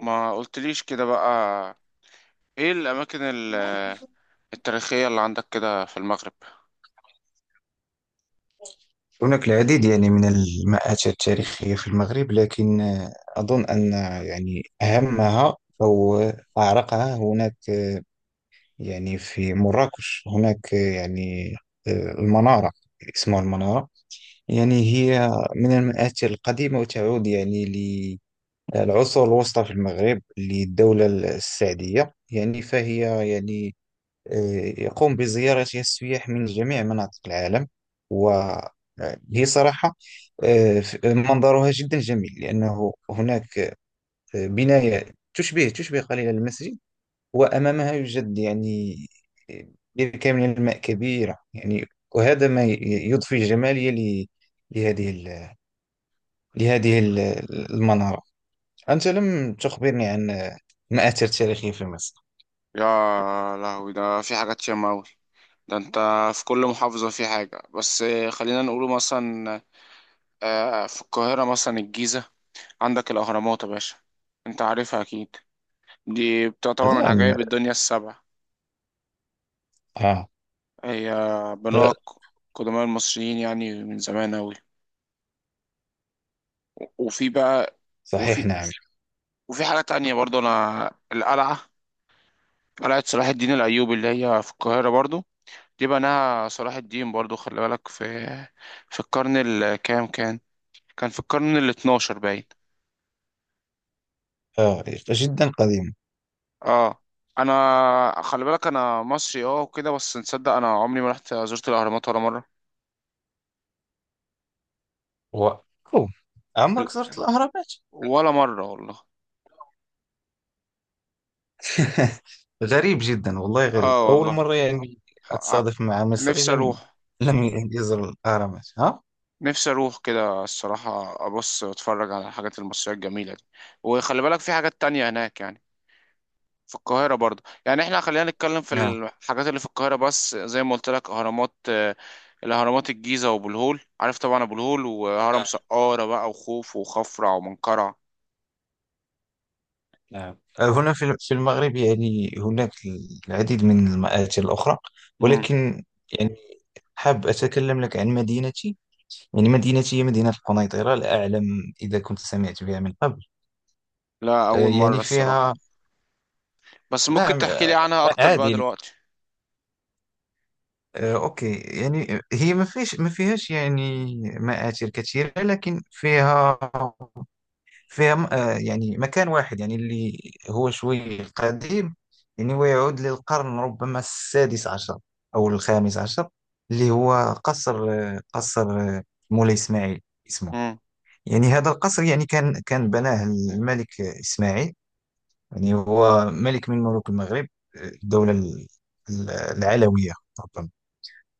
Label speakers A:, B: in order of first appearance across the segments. A: ما قلتليش كده بقى، ايه الاماكن التاريخية اللي عندك كده في المغرب؟
B: هناك العديد يعني من المآتش التاريخية في المغرب، لكن أظن أن يعني أهمها أو أعرقها. هناك في مراكش هناك المنارة، اسمها المنارة. يعني هي من المآتش القديمة، وتعود يعني للعصور الوسطى في المغرب، للدولة السعدية. يعني فهي يعني يقوم بزيارة السياح من جميع مناطق العالم، وهي صراحة منظرها جدا جميل، لأنه هناك بناية تشبه قليلا المسجد، وأمامها يوجد يعني بركة من الماء كبيرة. يعني وهذا ما يضفي جمالية لهذه ال- لهذه المنارة. أنت لم تخبرني عن مآثر تاريخية في مصر.
A: يا لهوي، ده في حاجات ياما اوي. ده انت في كل محافظة في حاجة. بس خلينا نقوله مثلا، في القاهرة مثلا الجيزة. عندك الاهرامات يا باشا، انت عارفها اكيد. دي بتعتبر من
B: هذا أم-
A: عجائب الدنيا السبع.
B: آه
A: هي
B: آه،
A: بنوها قدماء المصريين، يعني من زمان اوي. وفي بقى،
B: صحيح،
A: وفي
B: نعم.
A: وفي حاجة تانية برضه أنا القلعة. قلعة صلاح الدين الأيوبي اللي هي في القاهرة برضو. دي بناها صلاح الدين برضو. خلي بالك، في القرن الكام كان في القرن الاتناشر باين.
B: آه جدا قديمة.
A: اه، انا خلي بالك انا مصري، اه وكده، بس نصدق، انا عمري ما رحت زرت الاهرامات ولا مرة.
B: وكوم،
A: ال-
B: عمرك زرت الأهرامات؟
A: ولا مرة والله.
B: غريب جدا، والله غريب.
A: اه
B: أول مرة
A: والله.
B: يعني
A: ح- ع-
B: أتصادف مع مصري
A: نفسي
B: لم
A: اروح
B: لم يزر الأهرامات، ها؟
A: نفسي اروح كده الصراحة، ابص واتفرج على الحاجات المصرية الجميلة دي. وخلي بالك، في حاجات تانية هناك يعني. في القاهرة برضه، يعني احنا خلينا نتكلم في
B: نعم.
A: الحاجات اللي في القاهرة بس. زي ما قلت لك، اهرامات، الاهرامات، الجيزة وابو الهول، عارف طبعا ابو الهول، وهرم
B: آه.
A: سقارة بقى، وخوف وخفرع ومنقرع.
B: نعم، هنا في المغرب يعني هناك العديد من المآتي الأخرى،
A: امم.
B: ولكن يعني حاب أتكلم لك عن مدينتي. يعني مدينتي هي مدينة القنيطرة، لا أعلم إذا كنت سمعت بها من قبل.
A: لا، اول مرة
B: يعني
A: الصراحة.
B: فيها،
A: بس ممكن
B: نعم.
A: تحكي لي عنها اكتر بقى
B: عادي.
A: دلوقتي؟
B: اوكي. يعني هي ما فيش ما فيهاش يعني مآثر كثيرة، لكن فيها يعني مكان واحد يعني اللي هو شوي قديم، يعني ويعود للقرن ربما السادس عشر او الخامس عشر، اللي هو قصر، قصر مولاي اسماعيل اسمه.
A: امم،
B: يعني هذا القصر يعني كان بناه الملك اسماعيل، يعني هو ملك من ملوك المغرب، الدولة العلوية ربما.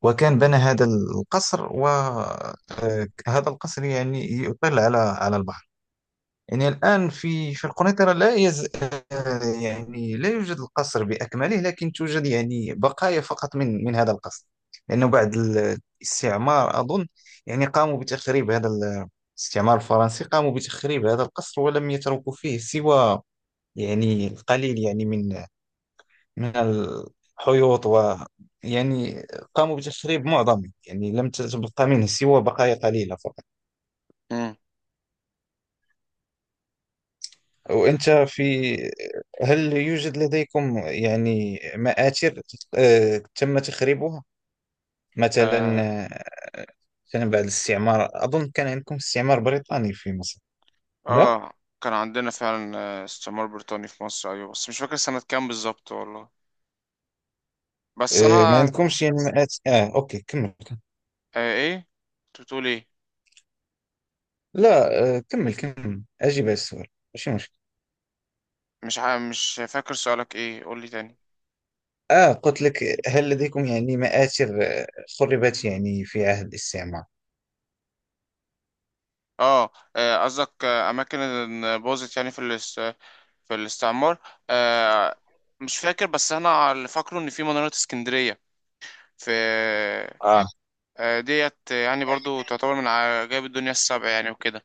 B: وكان بنى هذا القصر، وهذا القصر يعني يطل على البحر. يعني الآن في القنيطرة لا يز آه، يعني لا يوجد القصر بأكمله، لكن توجد يعني بقايا فقط من هذا القصر، لأنه بعد الاستعمار أظن يعني قاموا بتخريب الاستعمار الفرنسي قاموا بتخريب هذا القصر، ولم يتركوا فيه سوى يعني القليل، يعني من الحيوط، و يعني قاموا بتشريب معظمه. يعني لم تبقى منه سوى بقايا قليلة فقط.
A: امم.
B: وأنت في هل يوجد لديكم يعني مآثر تم تخريبها مثلا؟
A: آه.
B: آه، مثلا بعد الاستعمار، أظن كان عندكم استعمار بريطاني في مصر؟ لا.
A: اه، كان عندنا فعلا، استعمار بريطاني في مصر، ايوه. بس مش فاكر سنة كام بالظبط والله. بس
B: ما
A: انا...
B: عندكمش يعني مآثر؟ أوكي، كمل.
A: ايه؟ انت بتقول ايه؟
B: لا. كمل كمل، أجيب على السؤال. ماشي مشكل.
A: مش فاكر سؤالك ايه، قول لي تاني.
B: قلت لك: هل لديكم يعني مآثر خربت يعني في عهد الاستعمار؟
A: اه، قصدك اماكن إن باظت يعني في الاستعمار. آه، مش فاكر، بس انا اللي فاكره ان في منارة اسكندرية. في
B: آه
A: ديت يعني برضو تعتبر من عجائب الدنيا السبع يعني وكده.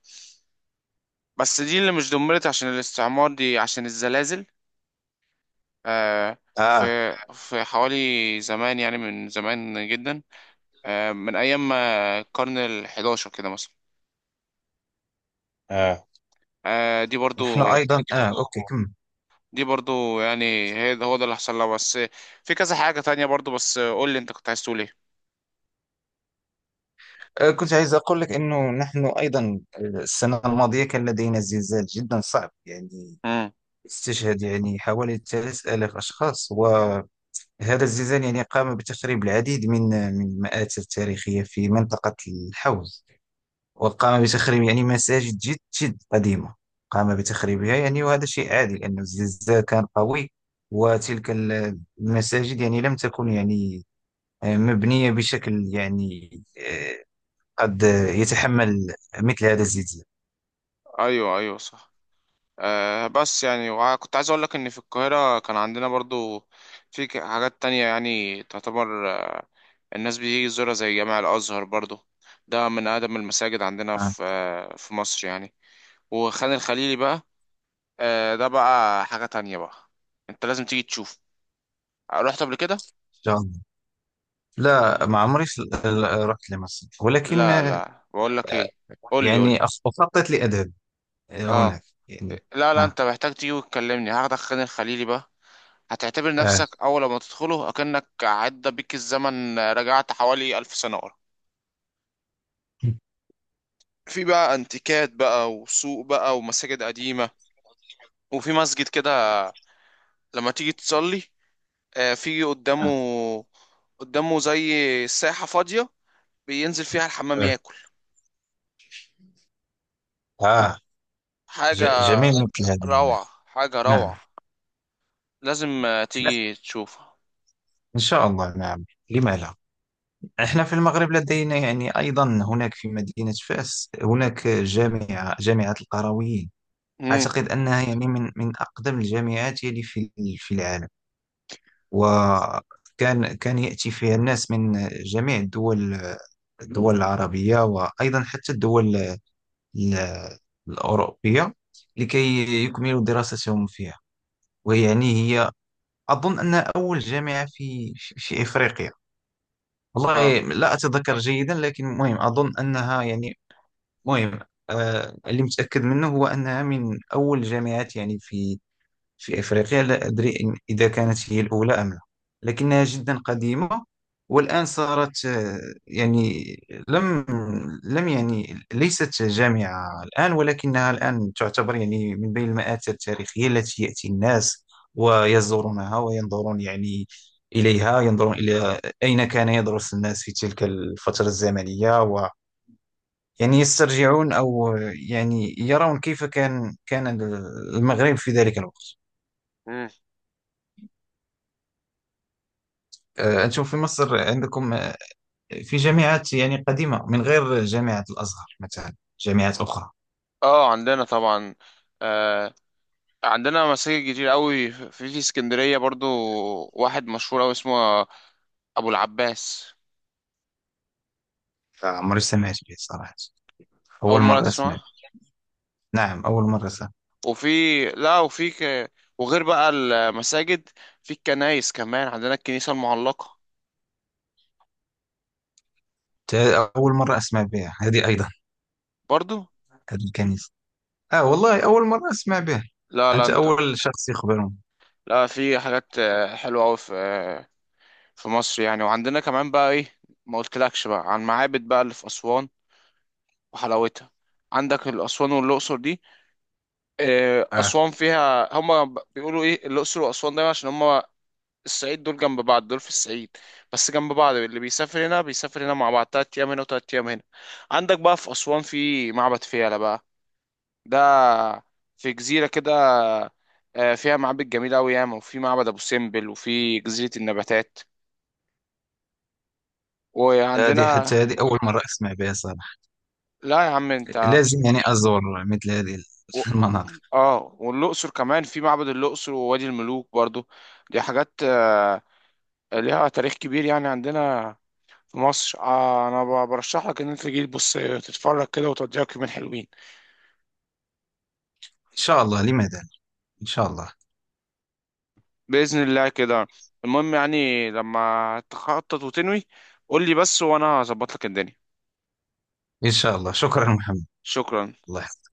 A: بس دي اللي مش دمرت عشان الاستعمار، دي عشان الزلازل. آه. في
B: آه
A: في حوالي زمان يعني، من زمان جدا، آه، من ايام ما القرن ال11 كده مثلا.
B: آه
A: آه، دي برضو
B: نحن أيضا. أوكي. كم؟
A: دي برضو يعني، هي ده، هو ده اللي حصل لها بس. في كذا حاجة تانية برضو. بس قول لي انت كنت عايز تقول ايه.
B: كنت عايز أقول لك أنه نحن أيضا. السنة الماضية كان لدينا زلزال جدا صعب. يعني
A: امم.
B: استشهد يعني حوالي 3000 أشخاص، وهذا الزلزال يعني قام بتخريب العديد من المآثر التاريخية في منطقة الحوز، وقام بتخريب يعني مساجد جد جد قديمة، قام بتخريبها. يعني وهذا شيء عادي لأن الزلزال كان قوي، وتلك المساجد يعني لم تكن يعني مبنية بشكل يعني آه، قد يتحمل مثل هذا الزلزال.
A: ايوه، ايوه، صح. آه، بس يعني، كنت عايز اقول لك ان في القاهرة كان عندنا برضو في حاجات تانية يعني، تعتبر الناس بتيجي تزورها، زي جامع الازهر برضو. ده من اقدم المساجد عندنا
B: إن
A: في مصر يعني. وخان الخليلي بقى، ده بقى حاجة تانية بقى. انت لازم تيجي تشوف. رحت قبل كده؟
B: شاء الله. لا، ما عمري رحت لمصر، ولكن
A: لا، لا، بقول لك ايه. قول لي، قول لي.
B: يعني أخطط لأذهب
A: اه،
B: هناك يعني.
A: لا، لا،
B: آه
A: انت محتاج تيجي وتكلمني، هاخدك خان الخليلي بقى. هتعتبر
B: آه
A: نفسك اول ما تدخله اكنك عدى بيك الزمن، رجعت حوالي 1000 سنة ورا. في بقى انتيكات بقى، وسوق بقى، ومساجد قديمة. وفي مسجد كده لما تيجي تصلي، في قدامه
B: آه,
A: قدامه زي ساحة فاضية، بينزل فيها الحمام
B: آه.
A: ياكل.
B: آه.
A: حاجة
B: جميل مثل هذا الماء.
A: روعة، حاجة
B: نعم،
A: روعة. لازم تيجي تشوفها.
B: إن شاء الله. نعم، لما لا؟ إحنا في المغرب لدينا يعني أيضا، هناك في مدينة فاس هناك جامعة القرويين.
A: امم.
B: أعتقد أنها يعني من أقدم الجامعات يلي في العالم. وكان يأتي فيها الناس من جميع الدول، الدول العربية، وأيضا حتى الدول ال- الأوروبية، لكي يكملوا دراستهم فيها. ويعني هي أظن أنها أول جامعة في في إفريقيا.
A: اه،
B: والله لا أتذكر جيدا، لكن مهم، أظن أنها يعني مهم. اللي متأكد منه هو أنها من أول الجامعات يعني في أفريقيا، لا أدري إذا كانت هي الأولى أم لا، لكنها جدا قديمة. والآن صارت يعني لم لم يعني ليست جامعة الآن، ولكنها الآن تعتبر يعني من بين المآثر التاريخية التي يأتي الناس ويزورونها وينظرون يعني إليها، ينظرون إلى أين كان يدرس الناس في تلك الفترة الزمنية، و يعني يسترجعون، أو يعني يرون كيف كان المغرب في ذلك الوقت. نشوف، في مصر عندكم في جامعات يعني قديمة من غير جامعة الأزهر، مثلا جامعات أخرى؟
A: اه عندنا طبعا. آه عندنا مساجد كتير قوي في اسكندرية برضو. واحد مشهور قوي اسمه ابو العباس.
B: عمري سمعت بها صراحة،
A: اول
B: أول
A: مرة
B: مرة أسمع
A: تسمعه؟
B: بها. نعم، أول مرة سمعت.
A: وفي... لا، وغير بقى المساجد، في الكنايس كمان، عندنا الكنيسة المعلقة
B: أول مرة أسمع بها هذه أيضا،
A: برضو.
B: هذه الكنيسة. والله أول مرة أسمع بها.
A: لا، لا،
B: أنت
A: انت...
B: أول شخص يخبرني.
A: لا، في حاجات حلوة قوي في في مصر يعني. وعندنا كمان بقى ايه، ما قلتلكش بقى عن معابد بقى اللي في أسوان وحلاوتها. عندك الأسوان والأقصر دي.
B: آه
A: أسوان فيها، هما بيقولوا إيه الأقصر وأسوان دايما عشان هما الصعيد، دول جنب بعض، دول في الصعيد، بس جنب بعض. اللي بيسافر هنا بيسافر هنا مع بعض، 3 أيام هنا وتلات أيام هنا. عندك بقى في أسوان في معبد فيلة بقى، ده في جزيرة كده، فيها معابد جميلة أوي ياما، وفي معبد أبو سمبل، وفي جزيرة النباتات.
B: هذه
A: وعندنا...
B: حتى هذه أول مرة أسمع بها صراحة.
A: لا يا عم أنت!
B: لازم يعني أزور مثل هذه
A: و-
B: المناطق.
A: والأقصر كمان في معبد الأقصر ووادي الملوك برضو. دي حاجات ليها تاريخ كبير يعني، عندنا في مصر. انا برشح لك ان انت تجي تبص تتفرج كده، وتضيعك يومين حلوين.
B: إن شاء الله، لماذا لا؟ إن شاء الله.
A: باذن الله كده. المهم يعني، لما تخطط وتنوي قول لي بس، وانا هظبط لك الدنيا.
B: إن شاء الله، شكرا محمد.
A: شكرا.
B: الله يحفظك.